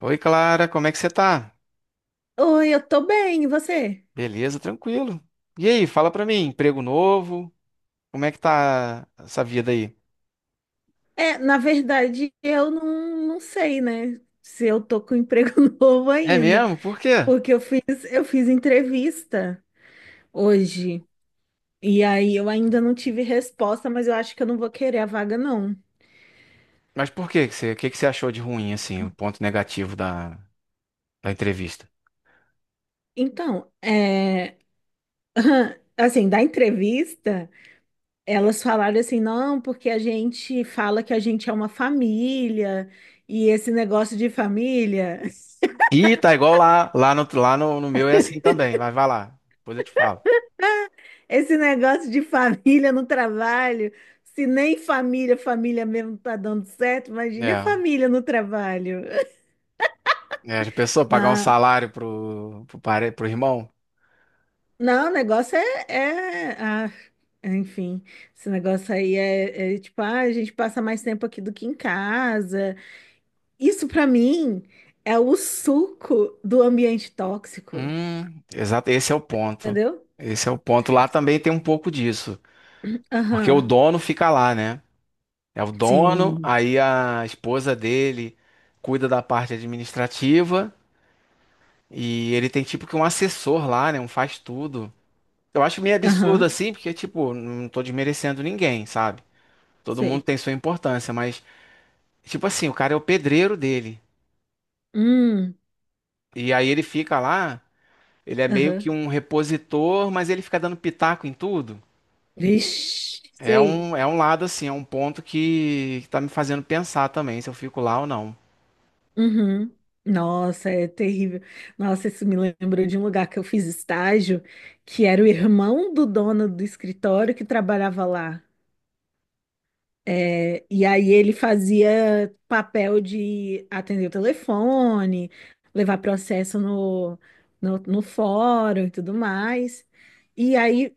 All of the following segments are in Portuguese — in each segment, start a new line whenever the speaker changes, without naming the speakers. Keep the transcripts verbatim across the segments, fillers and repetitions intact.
Oi, Clara, como é que você tá?
Oi, eu tô bem, e você?
Beleza, tranquilo. E aí, fala pra mim, emprego novo? Como é que tá essa vida aí?
É, na verdade, eu não, não sei, né? Se eu tô com emprego novo
É
ainda,
mesmo? Por quê?
porque eu fiz, eu fiz entrevista hoje, e aí eu ainda não tive resposta, mas eu acho que eu não vou querer a vaga, não.
Mas por quê que você, o que que você achou de ruim, assim, o ponto negativo da, da entrevista?
Então, é, assim, da entrevista, elas falaram assim, não, porque a gente fala que a gente é uma família, e esse negócio de família.
Ih, tá igual lá, lá no, lá no, no meu é assim também, mas vai lá, depois eu te falo.
Esse negócio de família no trabalho, se nem família, família mesmo não tá dando certo, imagina a
É,
família no trabalho.
é, já pensou pagar um
Não,
salário pro, pro, pare- pro irmão?
não, o negócio é, é- ah, enfim, esse negócio aí é, é tipo, ah, a gente passa mais tempo aqui do que em casa. Isso pra mim é o suco do ambiente tóxico,
Hum, exato, esse é o ponto.
entendeu?
Esse é o ponto. Lá também tem um pouco disso, porque o
Aham,
dono fica lá, né? É o dono,
sim,
aí a esposa dele cuida da parte administrativa e ele tem tipo que um assessor lá, né? Um faz tudo. Eu acho meio absurdo
aham,
assim, porque tipo, não tô desmerecendo ninguém, sabe? Todo mundo
sei.
tem sua importância, mas tipo assim, o cara é o pedreiro dele.
Hum,
E aí ele fica lá, ele é meio
aham,
que um repositor, mas ele fica dando pitaco em tudo.
vixe,
É
sei.
um, é um lado assim, é um ponto que, que tá me fazendo pensar também se eu fico lá ou não.
Uhum. Nossa, é terrível. Nossa, isso me lembrou de um lugar que eu fiz estágio, que era o irmão do dono do escritório que trabalhava lá. É, e aí ele fazia papel de atender o telefone, levar processo no, no, no fórum e tudo mais. E aí,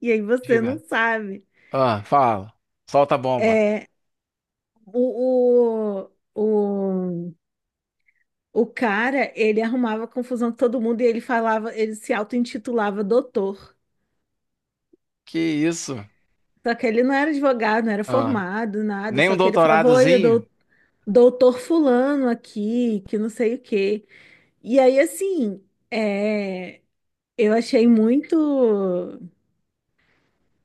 e aí você não
Diga.
sabe.
Ah, fala. Solta a bomba.
É, o, o, O cara, ele arrumava confusão com todo mundo e ele falava, ele se auto-intitulava doutor.
Que isso?
Só que ele não era advogado, não era
Ah,
formado, nada.
nem
Só
um
que ele falava, oi, eu
doutoradozinho?
dou, doutor fulano aqui, que não sei o quê. E aí, assim, é, eu achei muito,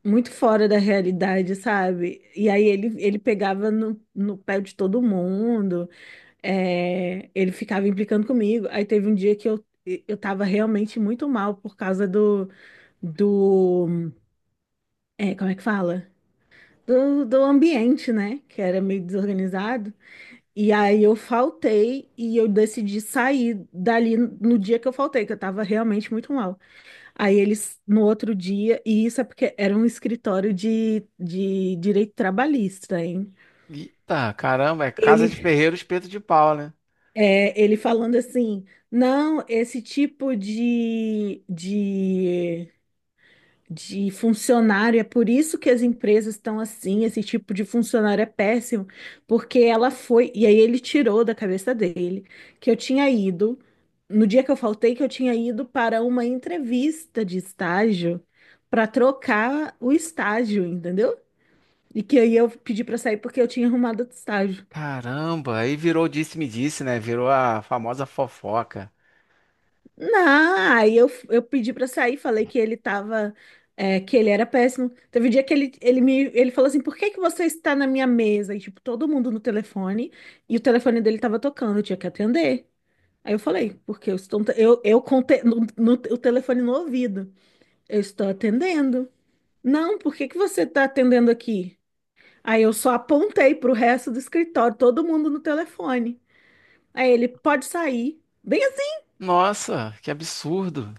muito fora da realidade, sabe? E aí ele, ele pegava no, no pé de todo mundo, é, ele ficava implicando comigo. Aí teve um dia que eu, eu tava realmente muito mal por causa do do, é, como é que fala? Do, do ambiente, né? Que era meio desorganizado. E aí eu faltei e eu decidi sair dali no dia que eu faltei, que eu tava realmente muito mal. Aí eles, no outro dia, e isso é porque era um escritório de, de direito trabalhista, hein?
Eita, caramba, é casa de
Ele,
ferreiro, espeto de pau, né?
é, ele falando assim, não, esse tipo de, de de funcionário. É por isso que as empresas estão assim. Esse tipo de funcionário é péssimo, porque ela foi. E aí ele tirou da cabeça dele que eu tinha ido, no dia que eu faltei, que eu tinha ido para uma entrevista de estágio para trocar o estágio, entendeu? E que aí eu pedi para sair porque eu tinha arrumado outro estágio.
Caramba, aí virou disse-me-disse, né? Virou a famosa fofoca.
Não, aí eu, eu pedi pra sair, falei que ele tava, é, que ele era péssimo. Teve um dia que ele, ele me, ele falou assim, por que que você está na minha mesa? E tipo, todo mundo no telefone, e o telefone dele tava tocando, eu tinha que atender. Aí eu falei, porque eu estou, eu, eu contei no, no- o telefone no ouvido, eu estou atendendo. Não, por que que você tá atendendo aqui? Aí eu só apontei pro resto do escritório, todo mundo no telefone. Aí ele, pode sair. Bem.
Nossa, que absurdo.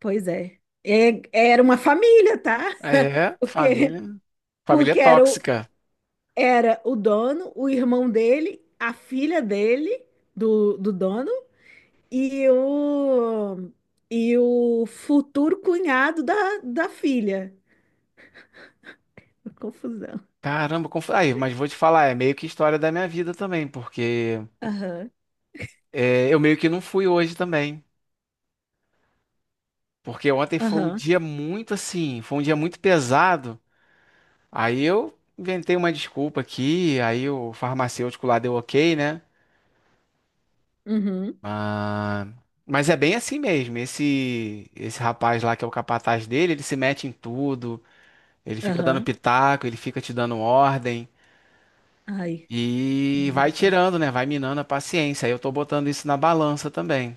Pois é. É- Era uma família, tá?
É,
Porque,
família. Família
porque era o,
tóxica.
era o dono, o irmão dele, a filha dele, do, do dono, e o, e o futuro cunhado da, da filha. Confusão.
Caramba, como aí, mas vou te falar, é meio que história da minha vida também, porque
Aham,
é, eu meio que não fui hoje também, porque ontem foi um
aham,
dia muito assim, foi um dia muito pesado. Aí eu inventei uma desculpa aqui, aí o farmacêutico lá deu ok, né?
uhum,
Ah, mas é bem assim mesmo. Esse esse rapaz lá que é o capataz dele, ele se mete em tudo, ele fica dando
aham.
pitaco, ele fica te dando ordem
Ai,
e vai
misericórdia.
tirando, né? Vai minando a paciência. Aí eu tô botando isso na balança também.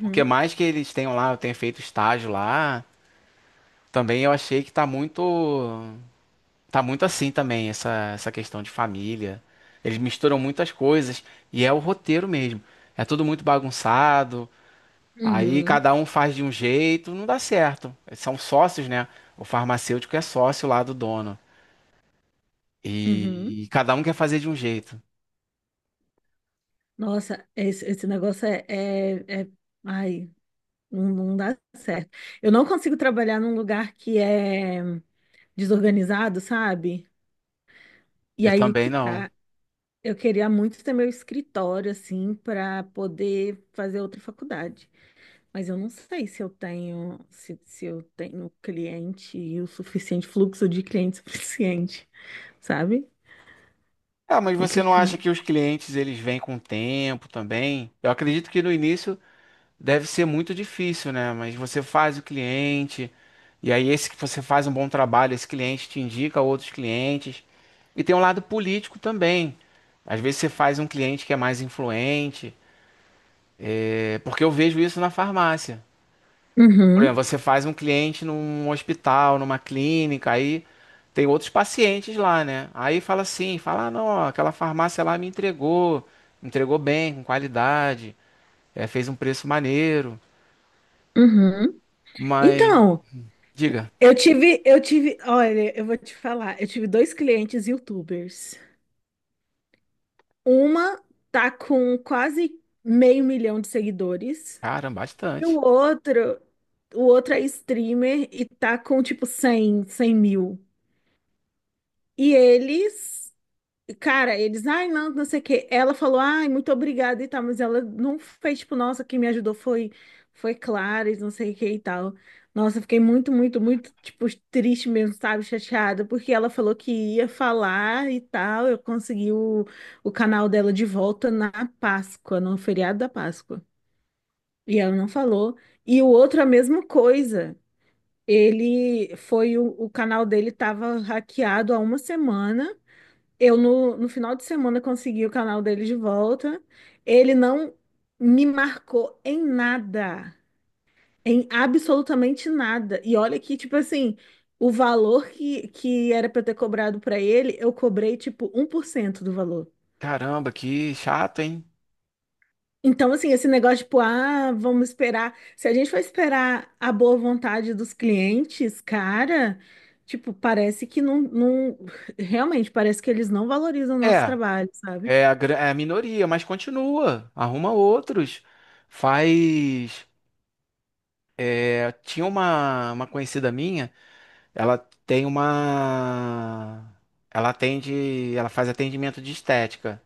Porque mais que eles tenham lá, eu tenho feito estágio lá. Também eu achei que tá muito. Tá muito assim também, essa, essa questão de família. Eles misturam muitas coisas e é o roteiro mesmo. É tudo muito bagunçado. Aí
uhum,
cada um faz de um jeito, não dá certo. São sócios, né? O farmacêutico é sócio lá do dono.
uhum.
E, cada um quer fazer de um jeito.
Nossa, esse, esse negócio é, é, é... Ai, não, não dá certo. Eu não consigo trabalhar num lugar que é desorganizado, sabe? E
Eu
aí
também
que
não.
tá. Eu queria muito ter meu escritório, assim, para poder fazer outra faculdade. Mas eu não sei se eu tenho, se, se eu tenho cliente e o suficiente, fluxo de cliente suficiente, sabe?
Ah, mas você não acha
Complicado.
que os clientes eles vêm com o tempo também? Eu acredito que no início deve ser muito difícil, né? Mas você faz o cliente, e aí esse que você faz um bom trabalho, esse cliente te indica outros clientes. E tem um lado político também. Às vezes você faz um cliente que é mais influente, é, porque eu vejo isso na farmácia. Por
Uhum,
exemplo, você faz um cliente num hospital, numa clínica, aí tem outros pacientes lá, né? Aí fala assim, fala, ah, não, ó, aquela farmácia lá me entregou, entregou bem, com qualidade, é, fez um preço maneiro,
uhum.
mas
Então,
diga.
eu tive, eu tive, olha, eu vou te falar, eu tive dois clientes YouTubers. Uma tá com quase meio milhão de seguidores
Caramba,
e o
bastante.
outro, o outro é streamer e tá com tipo cem cem mil. E eles Cara, eles, ai, não, não sei o quê. Ela falou, ai, muito obrigada e tal, mas ela não fez, tipo, nossa, quem me ajudou foi, foi Clara e não sei o que e tal. Nossa, eu fiquei muito, muito, muito, tipo, triste mesmo, sabe, chateada, porque ela falou que ia falar e tal. Eu consegui o, o canal dela de volta na Páscoa, no feriado da Páscoa. E ela não falou. E o outro, a mesma coisa. Ele foi, o, o canal dele tava hackeado há uma semana. Eu, no, no final de semana, consegui o canal dele de volta. Ele não me marcou em nada, em absolutamente nada. E olha que, tipo assim, o valor que, que era para ter cobrado para ele, eu cobrei, tipo, um por cento do valor.
Caramba, que chato, hein?
Então, assim, esse negócio, tipo, ah, vamos esperar. Se a gente for esperar a boa vontade dos clientes, cara, tipo, parece que não, não... Realmente, parece que eles não valorizam o nosso
É,
trabalho, sabe?
é a, gra- é a minoria, mas continua. Arruma outros. Faz. É, tinha uma, uma conhecida minha, ela tem uma. Ela atende. Ela faz atendimento de estética.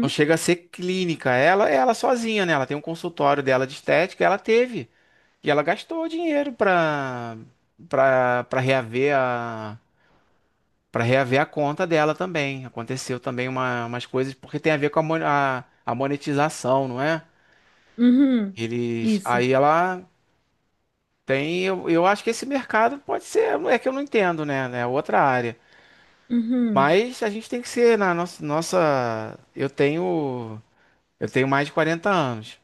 Não chega a ser clínica. Ela, é ela sozinha, né? Ela tem um consultório dela de estética, ela teve. E ela gastou dinheiro pra, pra, pra reaver a, pra reaver a conta dela também. Aconteceu também uma, umas coisas, porque tem a ver com a, mon- a- a monetização, não é?
Uhum.
Eles, aí
Isso.
ela tem, eu, eu acho que esse mercado pode ser, é que eu não entendo, né? É outra área.
Uhum.
Mas a gente tem que ser na nossa, nossa, eu tenho, eu tenho mais de quarenta anos.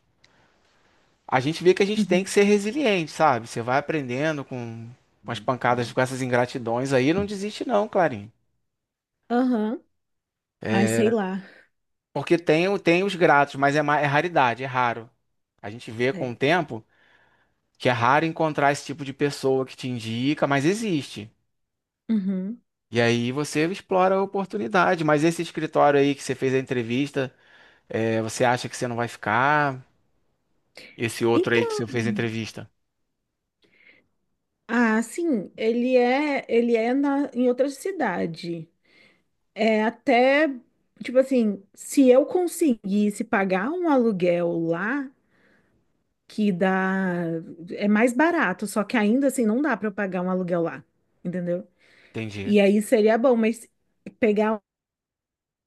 A gente vê que a gente tem
Uhum.
que ser resiliente, sabe? Você vai aprendendo com, com as pancadas, com essas ingratidões aí, não desiste não, Clarinho.
Aham. Ai, sei lá.
Porque tem, o- tem os gratos, mas é, ma- é raridade, é raro. A gente vê com
É.
o tempo que é raro encontrar esse tipo de pessoa que te indica, mas existe.
Uhum.
E aí você explora a oportunidade. Mas esse escritório aí que você fez a entrevista, é, você acha que você não vai ficar? Esse outro aí que
Então,
você fez a entrevista?
ah, sim, ele é, ele é na, em outra cidade. É até, tipo assim, se eu conseguisse pagar um aluguel lá, que dá, é mais barato, só que ainda assim não dá para eu pagar um aluguel lá, entendeu?
Entendi.
E aí seria bom, mas pegar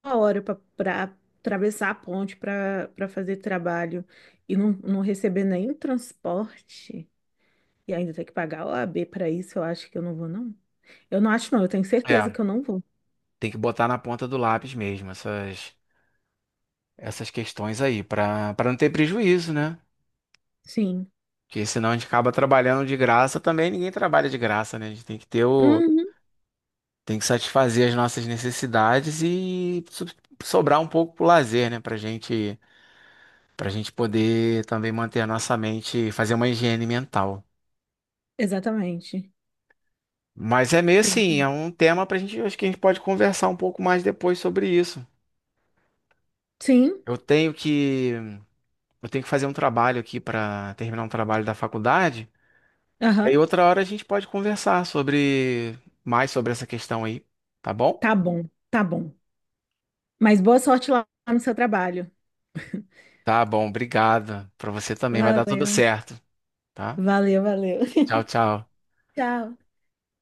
uma hora para atravessar a ponte para para fazer trabalho e não, não receber nenhum transporte e ainda ter que pagar a O A B para isso, eu acho que eu não vou, não. Eu não acho, não, eu tenho certeza
É,
que eu não vou.
tem que botar na ponta do lápis mesmo essas, essas questões aí, para para não ter prejuízo, né?
Sim.
Porque senão a gente acaba trabalhando de graça também, ninguém trabalha de graça, né? A gente tem que ter o,
Uhum,
tem que satisfazer as nossas necessidades e so-, sobrar um pouco pro lazer, né? Pra gente, pra gente poder também manter a nossa mente, fazer uma higiene mental.
exatamente.
Mas é meio assim,
Exatamente.
é um tema pra gente, acho que a gente pode conversar um pouco mais depois sobre isso.
Sim,
Eu tenho que, eu tenho que fazer um trabalho aqui para terminar um trabalho da faculdade.
aham.
Aí outra hora a gente pode conversar sobre mais sobre essa questão aí, tá bom?
Tá bom, tá bom. Mas boa sorte lá no seu trabalho.
Tá bom, obrigado. Pra você também vai dar tudo
Valeu,
certo, tá?
valeu, valeu.
Tchau, tchau.
Tchau.